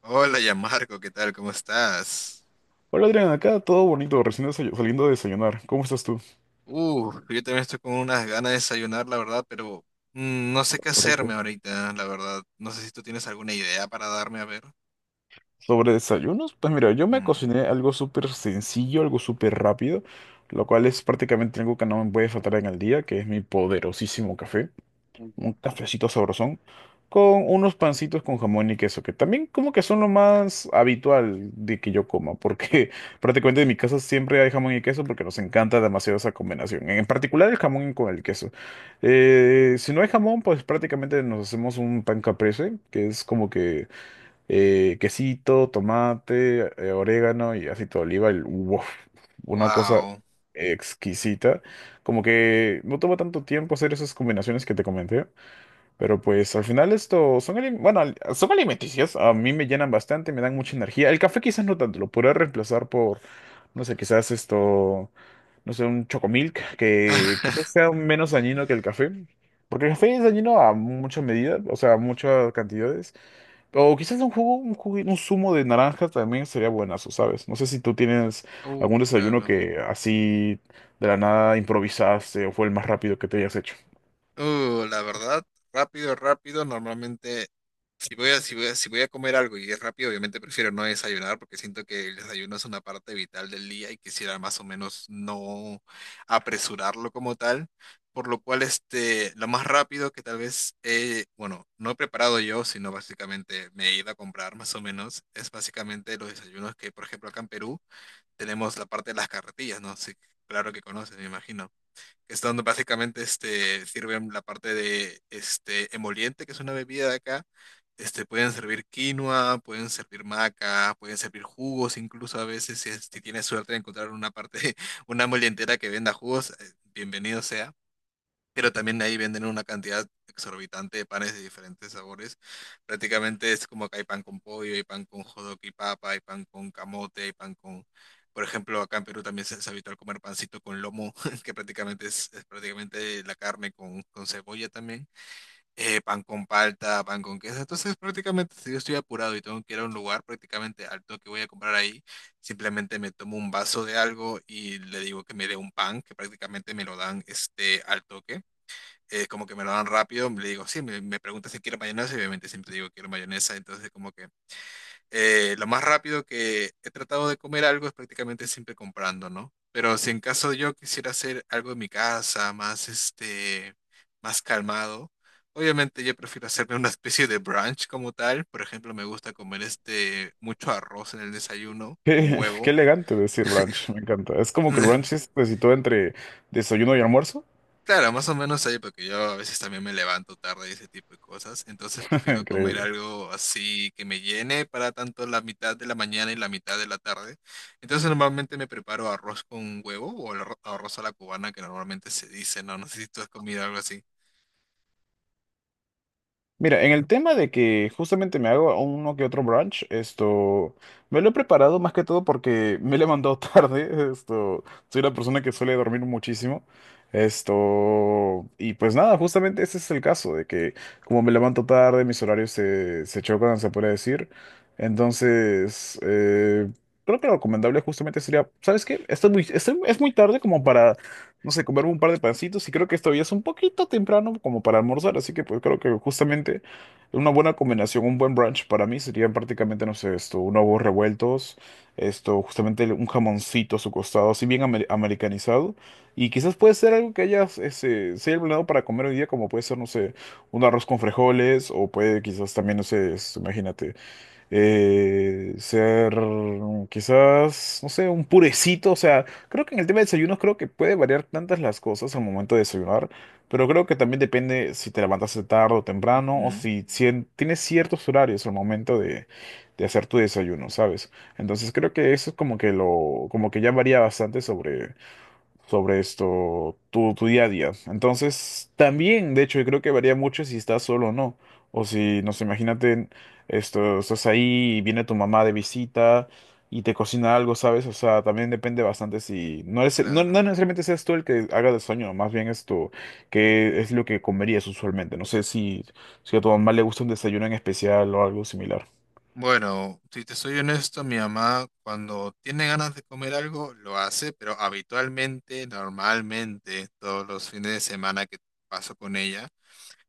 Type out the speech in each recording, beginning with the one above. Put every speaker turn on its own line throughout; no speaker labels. Hola, ya Marco, ¿qué tal? ¿Cómo estás?
Hola Adrián, acá todo bonito, recién saliendo a desayunar. ¿Cómo estás tú?
Yo también estoy con unas ganas de desayunar, la verdad, pero no sé qué hacerme
Correcto.
ahorita, la verdad. No sé si tú tienes alguna idea para darme a ver.
Sobre desayunos, pues mira, yo me cociné algo súper sencillo, algo súper rápido, lo cual es prácticamente algo que no me puede faltar en el día, que es mi poderosísimo café. Un cafecito sabrosón, con unos pancitos con jamón y queso, que también como que son lo más habitual de que yo coma, porque prácticamente en mi casa siempre hay jamón y queso porque nos encanta demasiado esa combinación, en particular el jamón con el queso. Si no hay jamón, pues prácticamente nos hacemos un pan caprese, que es como que quesito, tomate, orégano y aceite de oliva, y, uf, una cosa
Wow.
exquisita. Como que no toma tanto tiempo hacer esas combinaciones que te comenté. Pero pues al final esto son, son alimenticios, a mí me llenan bastante, me dan mucha energía. El café quizás no tanto, lo podría reemplazar por, no sé, quizás esto, no sé, un chocomilk, que quizás sea menos dañino que el café. Porque el café es dañino a mucha medida, o sea, a muchas cantidades. O quizás un jugo, un zumo de naranja también sería buenazo, ¿sabes? No sé si tú tienes algún desayuno
Claro.
que así de la nada improvisaste o fue el más rápido que te hayas hecho.
La verdad, rápido, rápido, normalmente. Si voy a, si voy a, si voy a comer algo y es rápido, obviamente prefiero no desayunar porque siento que el desayuno es una parte vital del día y quisiera más o menos no apresurarlo como tal. Por lo cual, este, lo más rápido que tal vez, bueno, no he preparado yo, sino básicamente me he ido a comprar más o menos, es básicamente los desayunos que, por ejemplo, acá en Perú tenemos la parte de las carretillas, ¿no? Sí, claro que conoces, me imagino que es donde básicamente este, sirven la parte de este, emoliente, que es una bebida de acá. Este, pueden servir quinoa, pueden servir maca, pueden servir jugos, incluso a veces si, si tienes suerte de encontrar una parte, una molientera que venda jugos, bienvenido sea, pero también ahí venden una cantidad exorbitante de panes de diferentes sabores. Prácticamente es como que hay pan con pollo, hay pan con hot dog y papa, hay pan con camote, hay pan con… Por ejemplo, acá en Perú también es habitual comer pancito con lomo, que prácticamente es prácticamente la carne con cebolla también. Eh, pan con palta, pan con queso. Entonces, prácticamente, si yo estoy apurado y tengo que ir a un lugar prácticamente alto que voy a comprar ahí, simplemente me tomo un vaso de algo y le digo que me dé un pan, que prácticamente me lo dan este, al toque, como que me lo dan rápido, le digo, sí, me pregunta si quiero mayonesa y obviamente siempre digo quiero mayonesa, entonces como que lo más rápido que he tratado de comer algo es prácticamente siempre comprando, ¿no? Pero si en caso yo quisiera hacer algo en mi casa, más este, más calmado, obviamente yo prefiero hacerme una especie de brunch como tal, por ejemplo, me gusta comer este mucho arroz en el desayuno con
Qué, qué
huevo.
elegante decir brunch, me encanta. Es como que el brunch es, se sitúa entre desayuno y almuerzo.
Claro, más o menos ahí, porque yo a veces también me levanto tarde y ese tipo de cosas. Entonces prefiero comer
Increíble.
algo así que me llene para tanto la mitad de la mañana y la mitad de la tarde. Entonces normalmente me preparo arroz con huevo o el arroz a la cubana que normalmente se dice, ¿no? No sé si tú has comido algo así.
Mira, en el tema de que justamente me hago uno que otro brunch, esto, me lo he preparado más que todo porque me he levantado tarde, esto, soy una persona que suele dormir muchísimo, esto, y pues nada, justamente ese es el caso, de que como me levanto tarde, mis horarios se chocan, se puede decir, entonces, creo que lo recomendable justamente sería, ¿sabes qué? Esto es muy, es muy tarde como para no sé, comerme un par de pancitos y creo que esto ya es un poquito temprano como para almorzar, así que pues creo que justamente una buena combinación, un buen brunch para mí serían prácticamente, no sé, esto, unos huevos revueltos, esto, justamente un jamoncito a su costado, así bien americanizado, y quizás puede ser algo que haya, ese, se haya planeado para comer hoy día, como puede ser, no sé, un arroz con frijoles, o puede quizás también, no sé, imagínate ser quizás, no sé, un purecito. O sea, creo que en el tema de desayunos creo que puede variar tantas las cosas al momento de desayunar, pero creo que también depende si te levantaste tarde o temprano o
Ujú.
si, tienes ciertos horarios al momento de hacer tu desayuno, ¿sabes? Entonces creo que eso es como que lo, como que ya varía bastante sobre sobre esto, tu día a día. Entonces, también, de hecho, yo creo que varía mucho si estás solo o no. O si, no sé, imagínate, esto, estás ahí y viene tu mamá de visita y te cocina algo, ¿sabes? O sea, también depende bastante si no es, no,
Claro.
no necesariamente seas tú el que haga el sueño, más bien esto, que es lo que comerías usualmente. No sé si, si a tu mamá le gusta un desayuno en especial o algo similar.
Bueno, si te soy honesto, mi mamá cuando tiene ganas de comer algo lo hace, pero habitualmente, normalmente, todos los fines de semana que paso con ella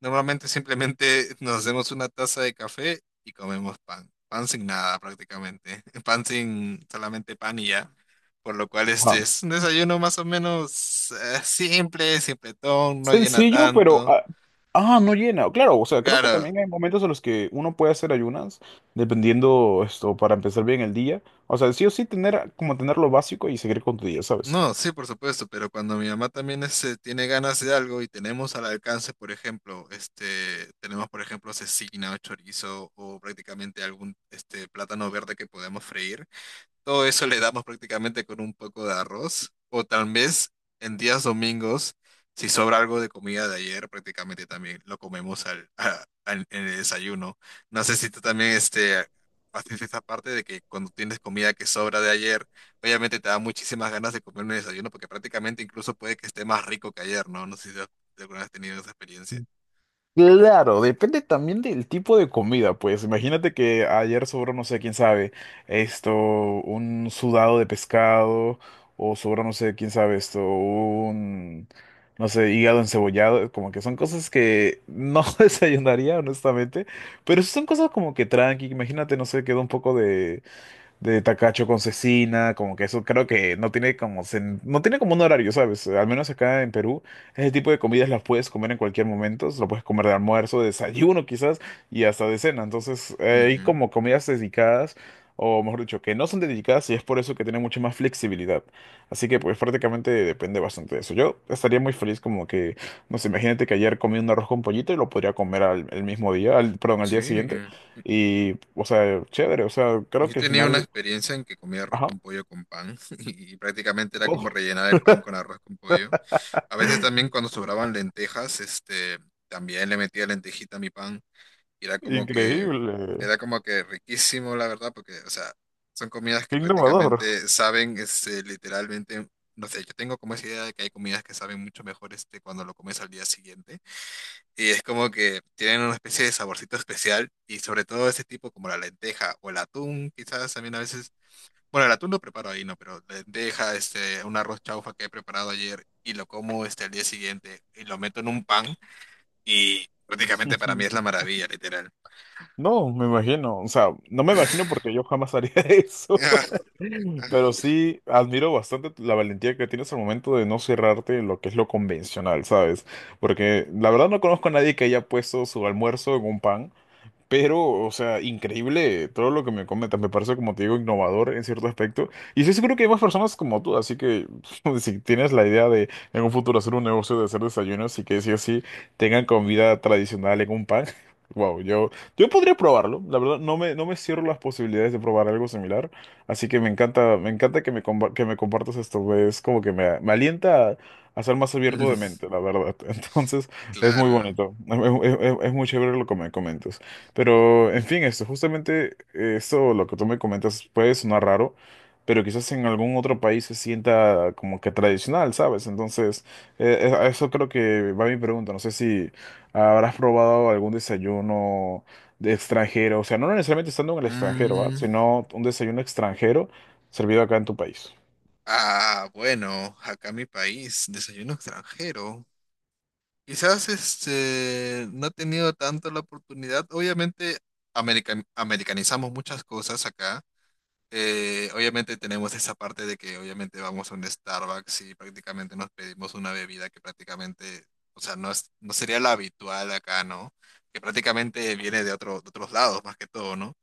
normalmente simplemente nos hacemos una taza de café y comemos pan. Pan sin nada prácticamente. Pan sin solamente pan y ya. Por lo cual este
Ajá.
es un desayuno más o menos simple, simpletón, no llena
Sencillo, pero...
tanto.
No llena. Claro, o sea, creo que
Claro,
también hay momentos en los que uno puede hacer ayunas, dependiendo esto, para empezar bien el día. O sea, sí o sí tener como tener lo básico y seguir con tu día, ¿sabes?
no, sí, por supuesto, pero cuando mi mamá también este, tiene ganas de algo y tenemos al alcance, por ejemplo, este, tenemos por ejemplo cecina o chorizo o prácticamente algún este, plátano verde que podemos freír. Todo eso le damos prácticamente con un poco de arroz. O tal vez en días domingos, si sobra algo de comida de ayer, prácticamente también lo comemos en el desayuno. No sé si tú también este, haces esa parte de que cuando tienes comida que sobra de ayer, obviamente te da muchísimas ganas de comer un desayuno porque prácticamente incluso puede que esté más rico que ayer, ¿no? No sé si alguna vez has tenido esa experiencia.
Claro, depende también del tipo de comida, pues imagínate que ayer sobró, no sé, quién sabe, esto, un sudado de pescado, o sobró, no sé, quién sabe, esto, un, no sé, hígado encebollado, como que son cosas que no desayunaría, honestamente, pero sí son cosas como que tranqui, imagínate, no sé, quedó un poco de Takacho con Cecina, como que eso creo que no tiene como no tiene como un horario, ¿sabes? Al menos acá en Perú, ese tipo de comidas las puedes comer en cualquier momento, lo puedes comer de almuerzo, de desayuno quizás y hasta de cena. Entonces, hay
Ujú.
como comidas dedicadas o mejor dicho, que no son dedicadas y es por eso que tiene mucha más flexibilidad. Así que pues prácticamente depende bastante de eso. Yo estaría muy feliz como que, no sé, imagínate que ayer comí un arroz con pollito y lo podría comer al, el mismo día, al, perdón, al día
Sí.
siguiente. Y, o sea, chévere, o sea, creo
Yo
que al
tenía una
final
experiencia en que comía arroz
Ajá.
con pollo con pan y prácticamente era como
Oh,
rellenar el pan con arroz con pollo. A veces también cuando sobraban lentejas, este, también le metía lentejita a mi pan y
increíble.
era como que riquísimo, la verdad, porque, o sea, son comidas que
Qué innovador.
prácticamente saben, este, literalmente, no sé, yo tengo como esa idea de que hay comidas que saben mucho mejor, este, cuando lo comes al día siguiente. Y es como que tienen una especie de saborcito especial y sobre todo ese tipo como la lenteja o el atún, quizás también a veces, bueno, el atún lo preparo ahí, no, pero lenteja, este, un arroz chaufa que he preparado ayer y lo como este al día siguiente y lo meto en un pan y prácticamente para mí es la maravilla, literal.
No, me imagino. O sea, no me imagino porque yo jamás haría eso. Pero sí admiro bastante la valentía que tienes al momento de no cerrarte en lo que es lo convencional, ¿sabes? Porque la verdad no conozco a nadie que haya puesto su almuerzo en un pan. Pero, o sea, increíble todo lo que me comentas. Me parece, como te digo, innovador en cierto aspecto. Y estoy seguro que hay más personas como tú. Así que, si tienes la idea de en un futuro hacer un negocio de hacer desayunos y que sí o sí tengan comida tradicional en un pan, wow, yo podría probarlo. La verdad, no me cierro las posibilidades de probar algo similar. Así que me encanta que me, que me compartas esto. Es como que me alienta a ser más abierto de
Mm,
mente, la verdad. Entonces, es muy
Claro.
bonito. Es muy chévere lo que me comentas. Pero, en fin, esto, justamente eso, lo que tú me comentas, puede sonar raro, pero quizás en algún otro país se sienta como que tradicional, ¿sabes? Entonces, a eso creo que va mi pregunta. No sé si habrás probado algún desayuno de extranjero, o sea, no necesariamente estando en el extranjero, ¿va?
Mm,
Sino un desayuno extranjero servido acá en tu país.
ah, bueno, acá en mi país, desayuno extranjero. Quizás este, no he tenido tanto la oportunidad. Obviamente, americanizamos muchas cosas acá. Obviamente tenemos esa parte de que obviamente vamos a un Starbucks y prácticamente nos pedimos una bebida que prácticamente, o sea, no es, no sería la habitual acá, ¿no? Que prácticamente viene de de otros lados más que todo, ¿no?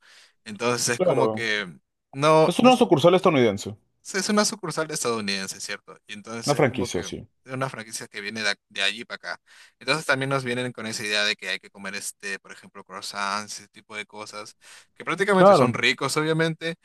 Entonces es como
Claro.
que no,
Es
no,
una sucursal estadounidense,
sí, es una sucursal estadounidense, ¿cierto? Y
una
entonces es como
franquicia,
que
sí.
es una franquicia que viene de, de allí para acá. Entonces también nos vienen con esa idea de que hay que comer este, por ejemplo, croissants, ese tipo de cosas, que prácticamente
Claro.
son ricos, obviamente,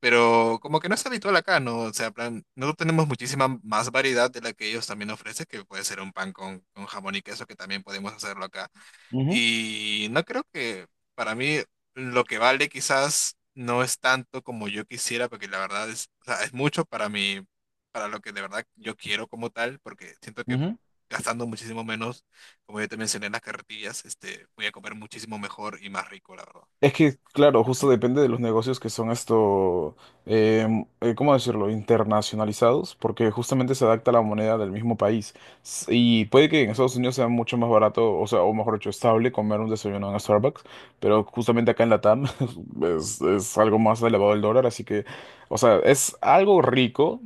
pero como que no es habitual acá, ¿no? O sea, plan, nosotros tenemos muchísima más variedad de la que ellos también ofrecen, que puede ser un pan con jamón y queso, que también podemos hacerlo acá.
Ujú,
Y no creo que para mí lo que vale quizás no es tanto como yo quisiera, porque la verdad es, o sea, es mucho para mí, para lo que de verdad yo quiero como tal, porque siento que
ujú.
gastando muchísimo menos, como yo te mencioné en las carretillas, este, voy a comer muchísimo mejor y más rico, la verdad.
Es que, claro, justo depende de los negocios que son esto, ¿cómo decirlo?, internacionalizados, porque justamente se adapta a la moneda del mismo país. S- Y puede que en Estados Unidos sea mucho más barato, o sea, o mejor dicho, estable comer un desayuno en Starbucks, pero justamente acá en Latam es algo más elevado el dólar, así que, o sea, es algo rico,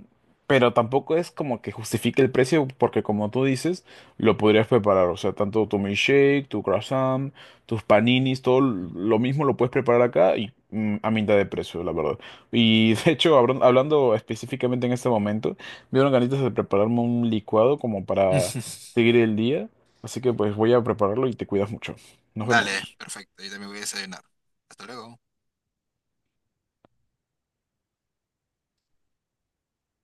pero tampoco es como que justifique el precio, porque como tú dices, lo podrías preparar, o sea, tanto tu milkshake, tu croissant tus paninis, todo
Ujú.
lo mismo lo puedes preparar acá y a mitad de precio, la verdad. Y de hecho, hablando específicamente en este momento, me dieron ganitas de prepararme un licuado como para seguir el día. Así que pues voy a prepararlo y te cuidas mucho. Nos
Dale,
vemos.
perfecto, yo también voy a desayunar. Hasta luego.